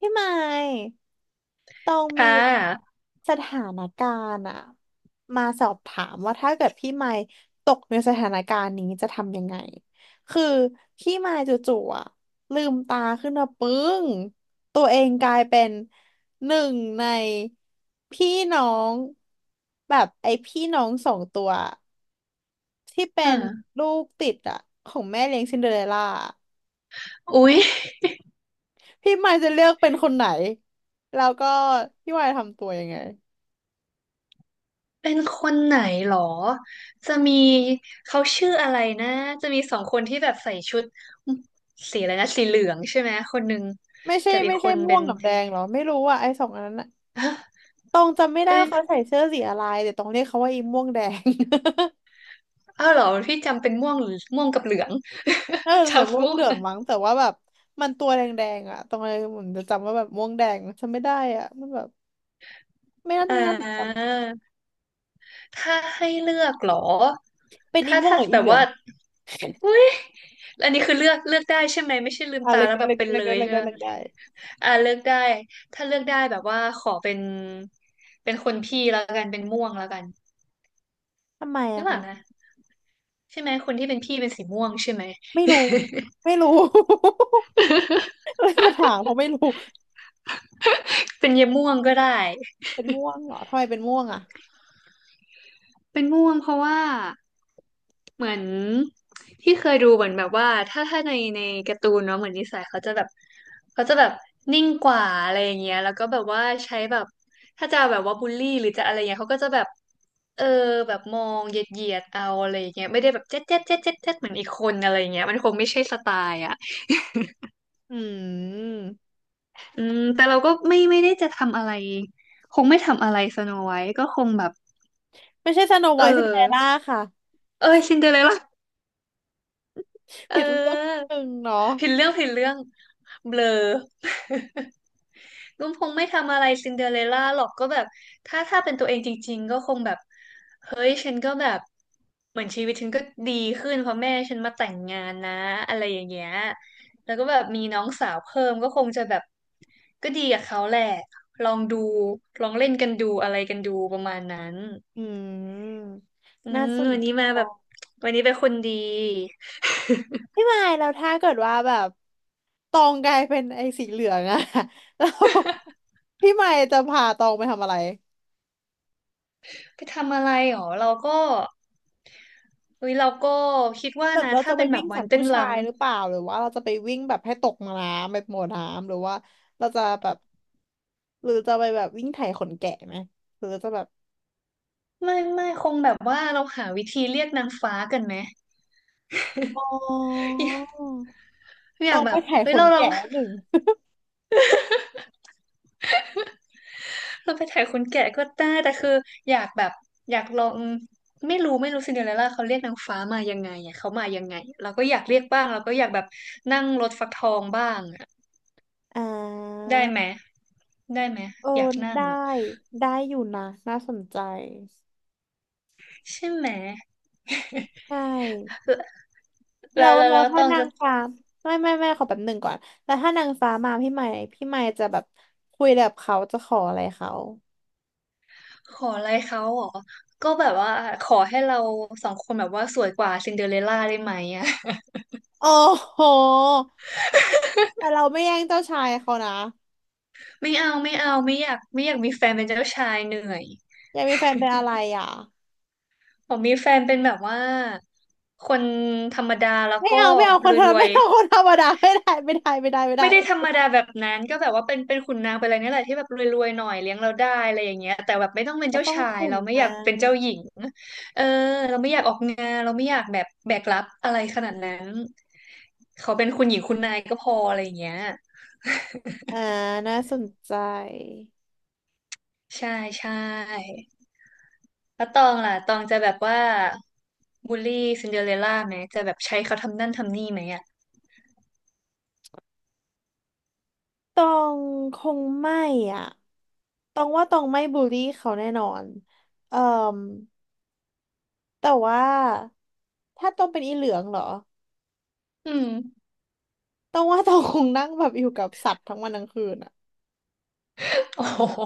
พี่ไมค์ต้องมีค่ะสถานการณ์อะมาสอบถามว่าถ้าเกิดพี่ไมค์ตกในสถานการณ์นี้จะทำยังไงคือพี่ไมค์จู่ๆอะลืมตาขึ้นมาปึ้งตัวเองกลายเป็นหนึ่งในพี่น้องแบบไอ้พี่น้องสองตัวที่เป็นอ่าลูกติดอะของแม่เลี้ยงซินเดอเรลล่าอุ๊ยพี่ไมค์จะเลือกเป็นคนไหนแล้วก็พี่ไมค์ทำตัวยังไง เป็นคนไหนหรอ จะมีเขาชื่ออะไรนะ จะมีสองคนที่แบบใส่ชุดสีอะไรนะ สีเหลืองใช่ไหมคนหนึ่งไม่ใช่กับอีไม่กคใช่นม่เป็วนงกับแดงเหรอไม่รู้อ่ะไอ้สองอันนั้นอะฮะตองจำไม่ได้เอ้ยว่าเขาใส่เสื้อสีอะไรแต่ตองเรียกเขาว่าอีม่วงแดง อ้าวเหรอพี่จำเป็นม่วงหรือม่วงกับเหลือง น่าจะ ใส่ม่จำวงม่วเหลืงองมั้งแต่ว่าแบบมันตัวแดงๆอ่ะตองเลยเหมือนจะจำว่าแบบม่วงแดงจำไม่ได้อ่ะมันแบบไม่น่าอ่ไม่น่าถูกจาถ้าให้เลือกเหรอำเป็นอีถ้าม่วงถ้าหรือแบอีบเหลือง ว่า อุ้ยแล้วอันนี้คือเลือกเลือกได้ใช่ไหมไม่ใช่ลืมอ่ะตาเล็กแล้วได้แบบเล็กเป็ได้นเล็เลกได้ยเล็กใช่ได้ไหมเล็กได้อ่าเลือกได้ถ้าเลือกได้แบบว่าขอเป็นเป็นคนพี่แล้วกันเป็นม่วงแล้วกันทำไมหรือะอเปคะล่านะใช่ไหมคนที่เป็นพี่เป็นสีม่วงใช่ไหม ไม่รู้ ไม่รู้ เลยมาถามเพราะไม่รู้เป็นเยายม่วงก็ได้เป็นม่วงเหรอทำไมเป็นม่วงอ่ะเป็นม่วงเพราะว่า เหมือนที่เคยดูเหมือนแบบว่าถ้าในการ์ตูนเนาะเหมือนนิสัยเขาจะแบบเขาจะแบบนิ่งกว่าอะไรอย่างเงี้ยแล้วก็แบบว่าใช้แบบถ้าจะแบบว่าบูลลี่หรือจะอะไรเงี้ยเขาก็จะแบบเออแบบมองเหยียดเอาอะไรอย่างเงี้ยไม่ได้แบบเจ๊ดเจ๊ดเจ๊ดเจ๊ดเจ๊ดเหมือนอีกคนอะไรอย่างเงี้ยมันคงไม่ใช่สไตล์อ่ะอืมอืมแต่เราก็ไม่ได้จะทำอะไรคงไม่ทำอะไรสโนไวท์ก็คงแบบไม่ใช่สโนไวเอท์ซินเดอเรลล่าอค่ะ เออซินเดอเรลล่าเผิดเรื่องออหนึ่งเนาะผิดเรื่องเบลอ ลุงพงษ์ไม่ทำอะไรซินเดอเรลล่าหรอกก็แบบถ้าเป็นตัวเองจริงๆก็คงแบบเฮ้ยฉันก็แบบเหมือนชีวิตฉันก็ดีขึ้นเพราะแม่ฉันมาแต่งงานนะอะไรอย่างเงี้ยแล้วก็แบบมีน้องสาวเพิ่มก็คงจะแบบก็ดีกับเขาแหละลองดูลองเล่นกันดูอะไรกันดูประมาณนั้นอืมอืน่ามสนวันในี้มาจแบบวันนี้เป็นคนดี พี่มายแล้วถ้าเกิดว่าแบบตองกลายเป็นไอ้สีเหลืองอะ แล้วพี่มายจะพาตองไปทำอะไรไปทำอะไรหรอเราก็เฮ้ยเราก็คิดว่าแบบนะเราจะถ้าไปเป็นแบวิ่บงวัจานกเต้ผู้นชารำ ยหรือเปล่าหรือว่าเราจะไปวิ่งแบบให้ตกน้ำแบบหมดน้ำหรือว่าเราจะแบบหรือจะไปแบบวิ่งไถขนแกะไหมหรือจะแบบไม่คงแบบว่าเราหาวิธีเรียกนางฟ้ากันไหมอ๋ออยากอต้ยาอกงแบไปบไถเฮ้ขยนเราลอง แกะหนึ่ง เราไปถ่ายคนแก่ก็ได้แต่คืออยากแบบอยากลองไม่รู้ซินเดอเรลล่าเขาเรียกนางฟ้ามายังไงอ่ะเขามายังไงเราก็อยากเรียกบ้างเราก็อยากแบบนั่งรถฟักทองบ้างอ่ะอ่ได้ไหมา ได้ไหมเอออยากนั่งได้อ่ะได้อยู่นะน่าสนใจใช่ไหมใช่แล้แล้ววแล้วแล้วตถ้าองนาจะงฟ้าไม่ไม่ไม่ขอแป๊บหนึ่งก่อนแล้วถ้านางฟ้ามาพี่ใหม่พี่ใหม่จะแบบคุยแบบเขาจะขออะไรเขาขออะไรเขาเหรอก็แบบว่าขอให้เราสองคนแบบว่าสวยกว่าซินเดอเรลล่าได้ไหมอ่ะ โอ้โหแต่เราไม่แย่งเจ้าชายเขานะไม่เอาไม่อยากมีแฟนเป็นเจ้าชายเหนื่อยอยากมีแฟนเป็นอะไรอ่ะผมมีแฟนเป็นแบบว่าคนธรรมดาแล้วไม่ก็เอาไม่เอาคนธรรรมวไม่ยเอาคนธรรมดาไม่ได้ไม่ได้ไม่ได้ไม่ๆได้ไม่ได้ธรรมดาแบบนั้นก็แบบว่าเป็นขุนนางเป็นอะไรเนี่ยแหละที่แบบรวยๆหน่อยเลี้ยงเราได้อะไรอย่างเงี้ยแต่แบบไม่ต้องเป็นก็เจ้าต้องชายขุนเราไม่อนะยากเป็นเจ้าหญิงเออเราไม่อยากออกงานเราไม่อยากแบบแบกรับอะไรขนาดนั้นเขาเป็นคุณหญิงคุณนายก็พออะไรอย่างเงี้ยอ่าน่าสนใจ ใช่ใช่ แล้วตองล่ะตองจะแบบว่าบูลลี่ซินเดอเรลล่าไหมจะแบบใช้เขาทำนั่นทำนี่ไหมอ่ะตองคงไม่อ่ะตองว่าตองไม่บูลลี่เขาแน่นอนเอ่อแต่ว่าถ้าตองเป็นอีเหลืองเหรออืมตองว่าตองคงนั่งแบบอยู่กับสัตว์ทั้งวันทั้งคืนอ่ะโอ้โห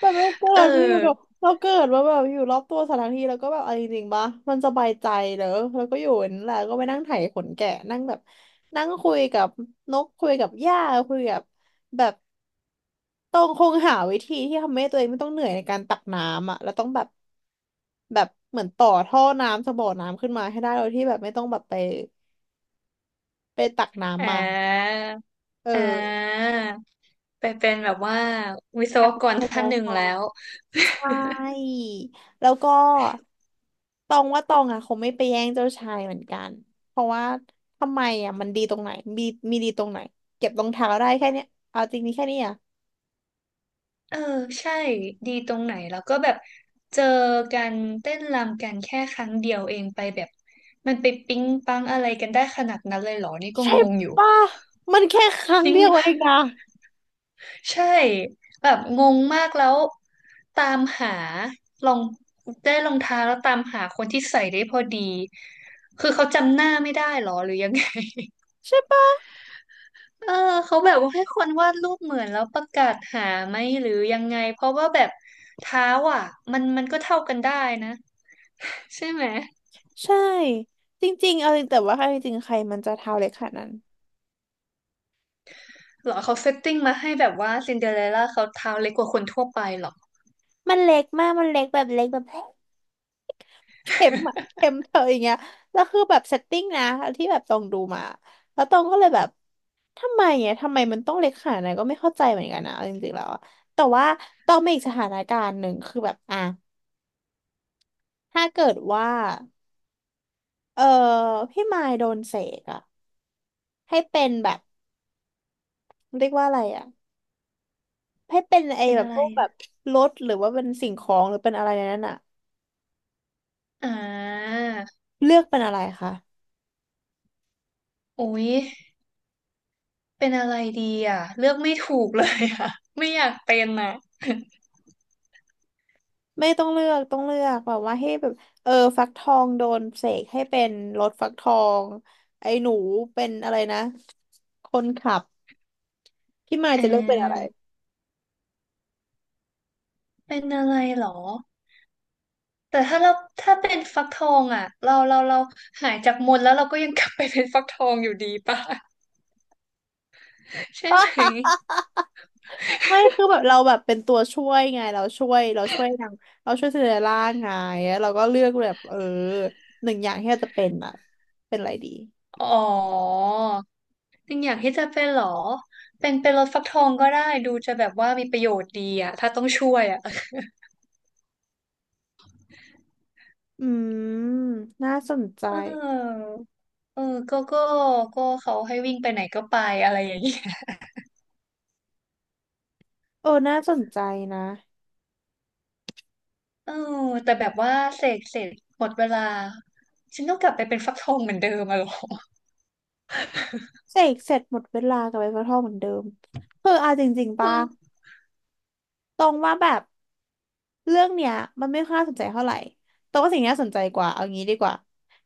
แบบเราเกิเดมาอยู่กับออเราเกิดมาแบบอยู่รอบตัวสัตว์ทั้งทีแล้วก็แบบเอาจริงๆปะมันสบายใจเหรอแล้วก็อยู่อย่างนั่นแหละก็ไปนั่งไถขนแกะนั่งแบบนั่งคุยกับนกคุยกับหญ้าคุยกับแบบ ต้องคงหาวิธีที่ทำให้ตัวเองไม่ต้องเหนื่อยในการตักน้ำอ่ะแล้วต้องแบบแบบเหมือนต่อท่อน้ำสบ่อน้ำขึ้นมาให้ได้โดยที่แบบไม่ต้องแบบไปตักน้ำอ่มาาเอออ่าไปเป็นแบบว่าวิศอวยากใกรช้ไฟท่านหนึ่งฟ้าแล้วใช่แล้วก็ตองว่าตองอ่ะคงไม่ไปแย่งเจ้าชายเหมือนกันเพราะว่าทำไมอ่ะมันดีตรงไหนมีมีดีตรงไหนเก็บรองเท้าได้แค่เนี้ยเอาจริงนี่แค่นี้อ่ะเออใช่ดีตรงไหนแล้วก็แบบเจอกันเต้นรำกันแค่ครั้งเดียวเองไปแบบมันไปปิ๊งปังอะไรกันได้ขนาดนั้นเลยเหรอนี่ก็ใช่งงอยู่ป่ะมันแค่ครั้จงริง เดียวเองนะใช่แบบงงมากแล้วตามหาลองได้รองเท้าแล้วตามหาคนที่ใส่ได้พอดีคือเขาจำหน้าไม่ได้หรอหรือยังไง ใช่ปะ เออเขาแบบว่าให้คนวาดรูปเหมือนแล้วประกาศหาไหมหรือยังไงเพราะว่าแบบเท้าอ่ะมันก็เท่ากันได้นะใช่ไหมใช่จริงๆเอาจริงแต่ว่าเอาจริงๆใครมันจะเท้าเล็กขนาดนั้นหรอเขาเซตติ้งมาให้แบบว่าซินเดอเรลล่าเขาเท้าเล็กกว่าคนทั่วไปหรอ มันเล็กมากมันเล็กแบบเล็กแบบเข็มอะเข็มเธออย่างเงี้ยแล้วคือแบบเซตติ้งนะที่แบบตองดูมาแล้วตองก็เลยแบบทำไมอ่ะทำไมมันต้องเล็กขนาดนั้นก็ไม่เข้าใจเหมือนกันนะเอาจริงๆแล้วอะแต่ว่าตองมีอีกสถานการณ์หนึ่งคือแบบอ่ะถ้าเกิดว่าเออพี่มายโดนเสกอะให้เป็นแบบเรียกว่าอะไรอะให้เป็น ไอ้เป็นแบบอะพไรวกแบอะบรถหรือว่าเป็นสิ่งของหรือเป็นอะไรในนั้นอะ อ่าเลือกเป็นอะไรคะโอ้ย เป็นอะไรดีอ่ะเลือกไม่ถูกเลยอ่ะ ไม่อยากเป็นอ่ะไม่ต้องเลือกต้องเลือกแบบว่าให้แบบเออฟักทองโดนเสกให้เป็นรถฟักทองไอ้หนูเป็นอะไรนะคนขับพี่มายเอจะเลือกเป็นอะไรอเป็นอะไรหรอแต่ถ้าเราถ้าเป็นฟักทองอ่ะเราหายจากมนต์แล้วเราก็ยังกลับไปเป็นฟักทองอยู่ดีป่ะ ใช่ไหมไม่คือแบบเราแบบเป็นตัวช่วยไงเราช่วยเราช่วยนางเราช่วยซินเดอเรลล่าไงแล้วเราก็เลือกแบบเออหนึ่งอย่างที่เราจะเป็นอะเป็นอะไรดีอ๋อยังอยากที่จะเป็นเหรอเป็นเป็นรถฟักทองก็ได้ดูจะแบบว่ามีประโยชน์ดีอ่ะถ้าต้องช่วยอ่ะ อืมน่าสนใจ เออเออก็ก็ก็เขาให้วิ่งไปไหนก็ไปอะไรอย่างนี้ เออน่าสนใจนะเออแต่แบบว่าเสกเสร็จหมดเวลาฉันต้องกลับไปเป็นฟักทองเหมือนเดิมอะเหรอเสกเสร็จหมดเวลากับไอ้ฟักทองเหมือนเดิมคือเอาจริงๆอืป่ะ มตรงว่าแบบเรื่องเนี้ยมันไม่ค่อยน่าสนใจเท่าไหร่ตรงว่าสิ่งที่น่าสนใจกว่าเอางี้ดีกว่า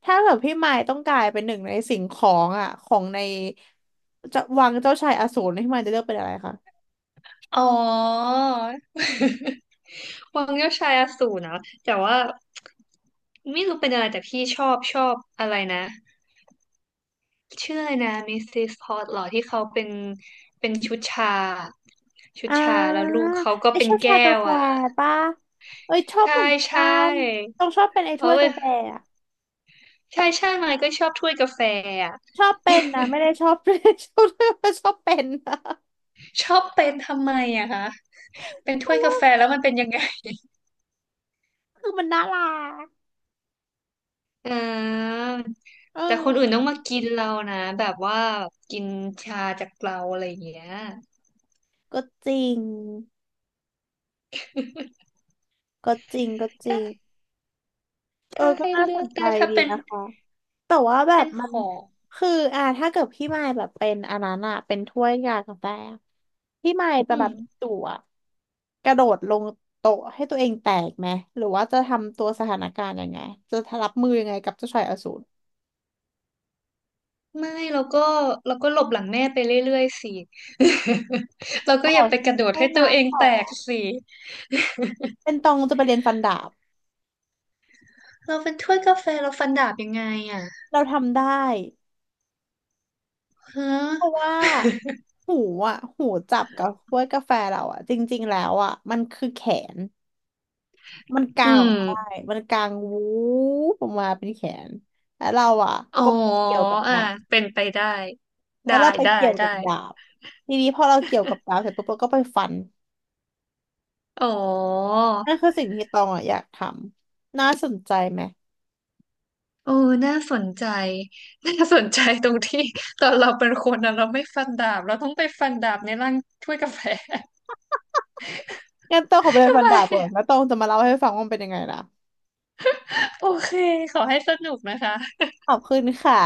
ถ้าแบบพี่มายต้องกลายเป็นหนึ่งในสิ่งของอ่ะของในจะวังเจ้าชายอสูรพี่มายจะเลือกเป็นอะไรคะอ๋อวังเจ้าชายอสูรเนาะแต่ว่าไม่รู้เป็นอะไรแต่พี่ชอบอะไรนะชื่ออะไรนะมิสซิสพอตหรอที่เขาเป็นเป็นชุดชาชุดอ่ชาแล้วาลูกเขาก็ไอเป็ชนอบชาแก้กาวแฟอ่ะป่ะเอ้ยชอบใช่เหมือนใชกัน่ต้องชอบเป็นไอถ้เอาวยเว้กายแฟอะใช่มันก็ชอบถ้วยกาแฟอะชอบเป็นนะไม่ได้ชอบ ชอบเป็นนะ ชอบเป็นทำไมอะคะเป็นเพถ้วราะยกาว่าแฟแล้วมันเป็นยังไง คือมันน่ารักเออเอแต่คนอื่นต้องอมากินเรานะแบบว่ากินชาจากเราอะไรอย่างเงี้ยก็จริงก็จริง ถ้าเออถ้าก็ให้น่าเลืสอนกใจได้ถ้าดีเป็นนะคะแต่ว่าแบบเป็นมัขนองคืออ่าถ้าเกิดพี่มายแบบเป็นอันนั้นอะเป็นถ้วยกากาแฟอะพี่มายจะอืแบมบจั่วกระโดดลงโต๊ะให้ตัวเองแตกไหมหรือว่าจะทำตัวสถานการณ์ยังไงจะรับมือยังไงกับเจ้าชายอสูรไม่เราก็เราก็หลบหลังแม่ไปเรื่อยๆสิเราอ๋ก็ออย่าไปกระทำโดดแค่ให้ตัวนั้นเองเหรอแตกสิเป็นตองจะไปเรียนฟันดาบเราเป็นถ้วยกาแฟเราฟันดาบยังไงอ่ะเราทำได้ฮะเพราะว่าหูอ่ะหูจับกับถ้วยกาแฟเราอ่ะจริงๆแล้วอ่ะมันคือแขน มันกาอืงออกมาได้มมันกางวูบออกมาเป็นแขนแล้วเราอ่ะอ๋อก็ไปเกี่ยวกับอ่ะดาบเป็นไปได้แล้ได้วเราไปได้เกี่ยวได้กับดาบ ทีนี้พอเราเกี่ยวกับดาบเสร็จปุ๊บเราก็ไปฟันอ๋อ นั่นคือสิ่งที่ตองอ่ะอยากทำน่าสนใจไหมเออน่าสนใจ น่าสนใจตรงที่ ตอนเราเป็นคนนะเราไม่ฟันดาบ เราต้องไปฟันดาบในร่าง ถ้วยกาแฟ งั้นตองขอไป เรียนทำฟันไมดาบก่อนแล้วตองจะมาเล่าให้ฟังว่ามันเป็นยังไงนะโอเค ขอให้สนุกนะคะขอบคุณค่ะ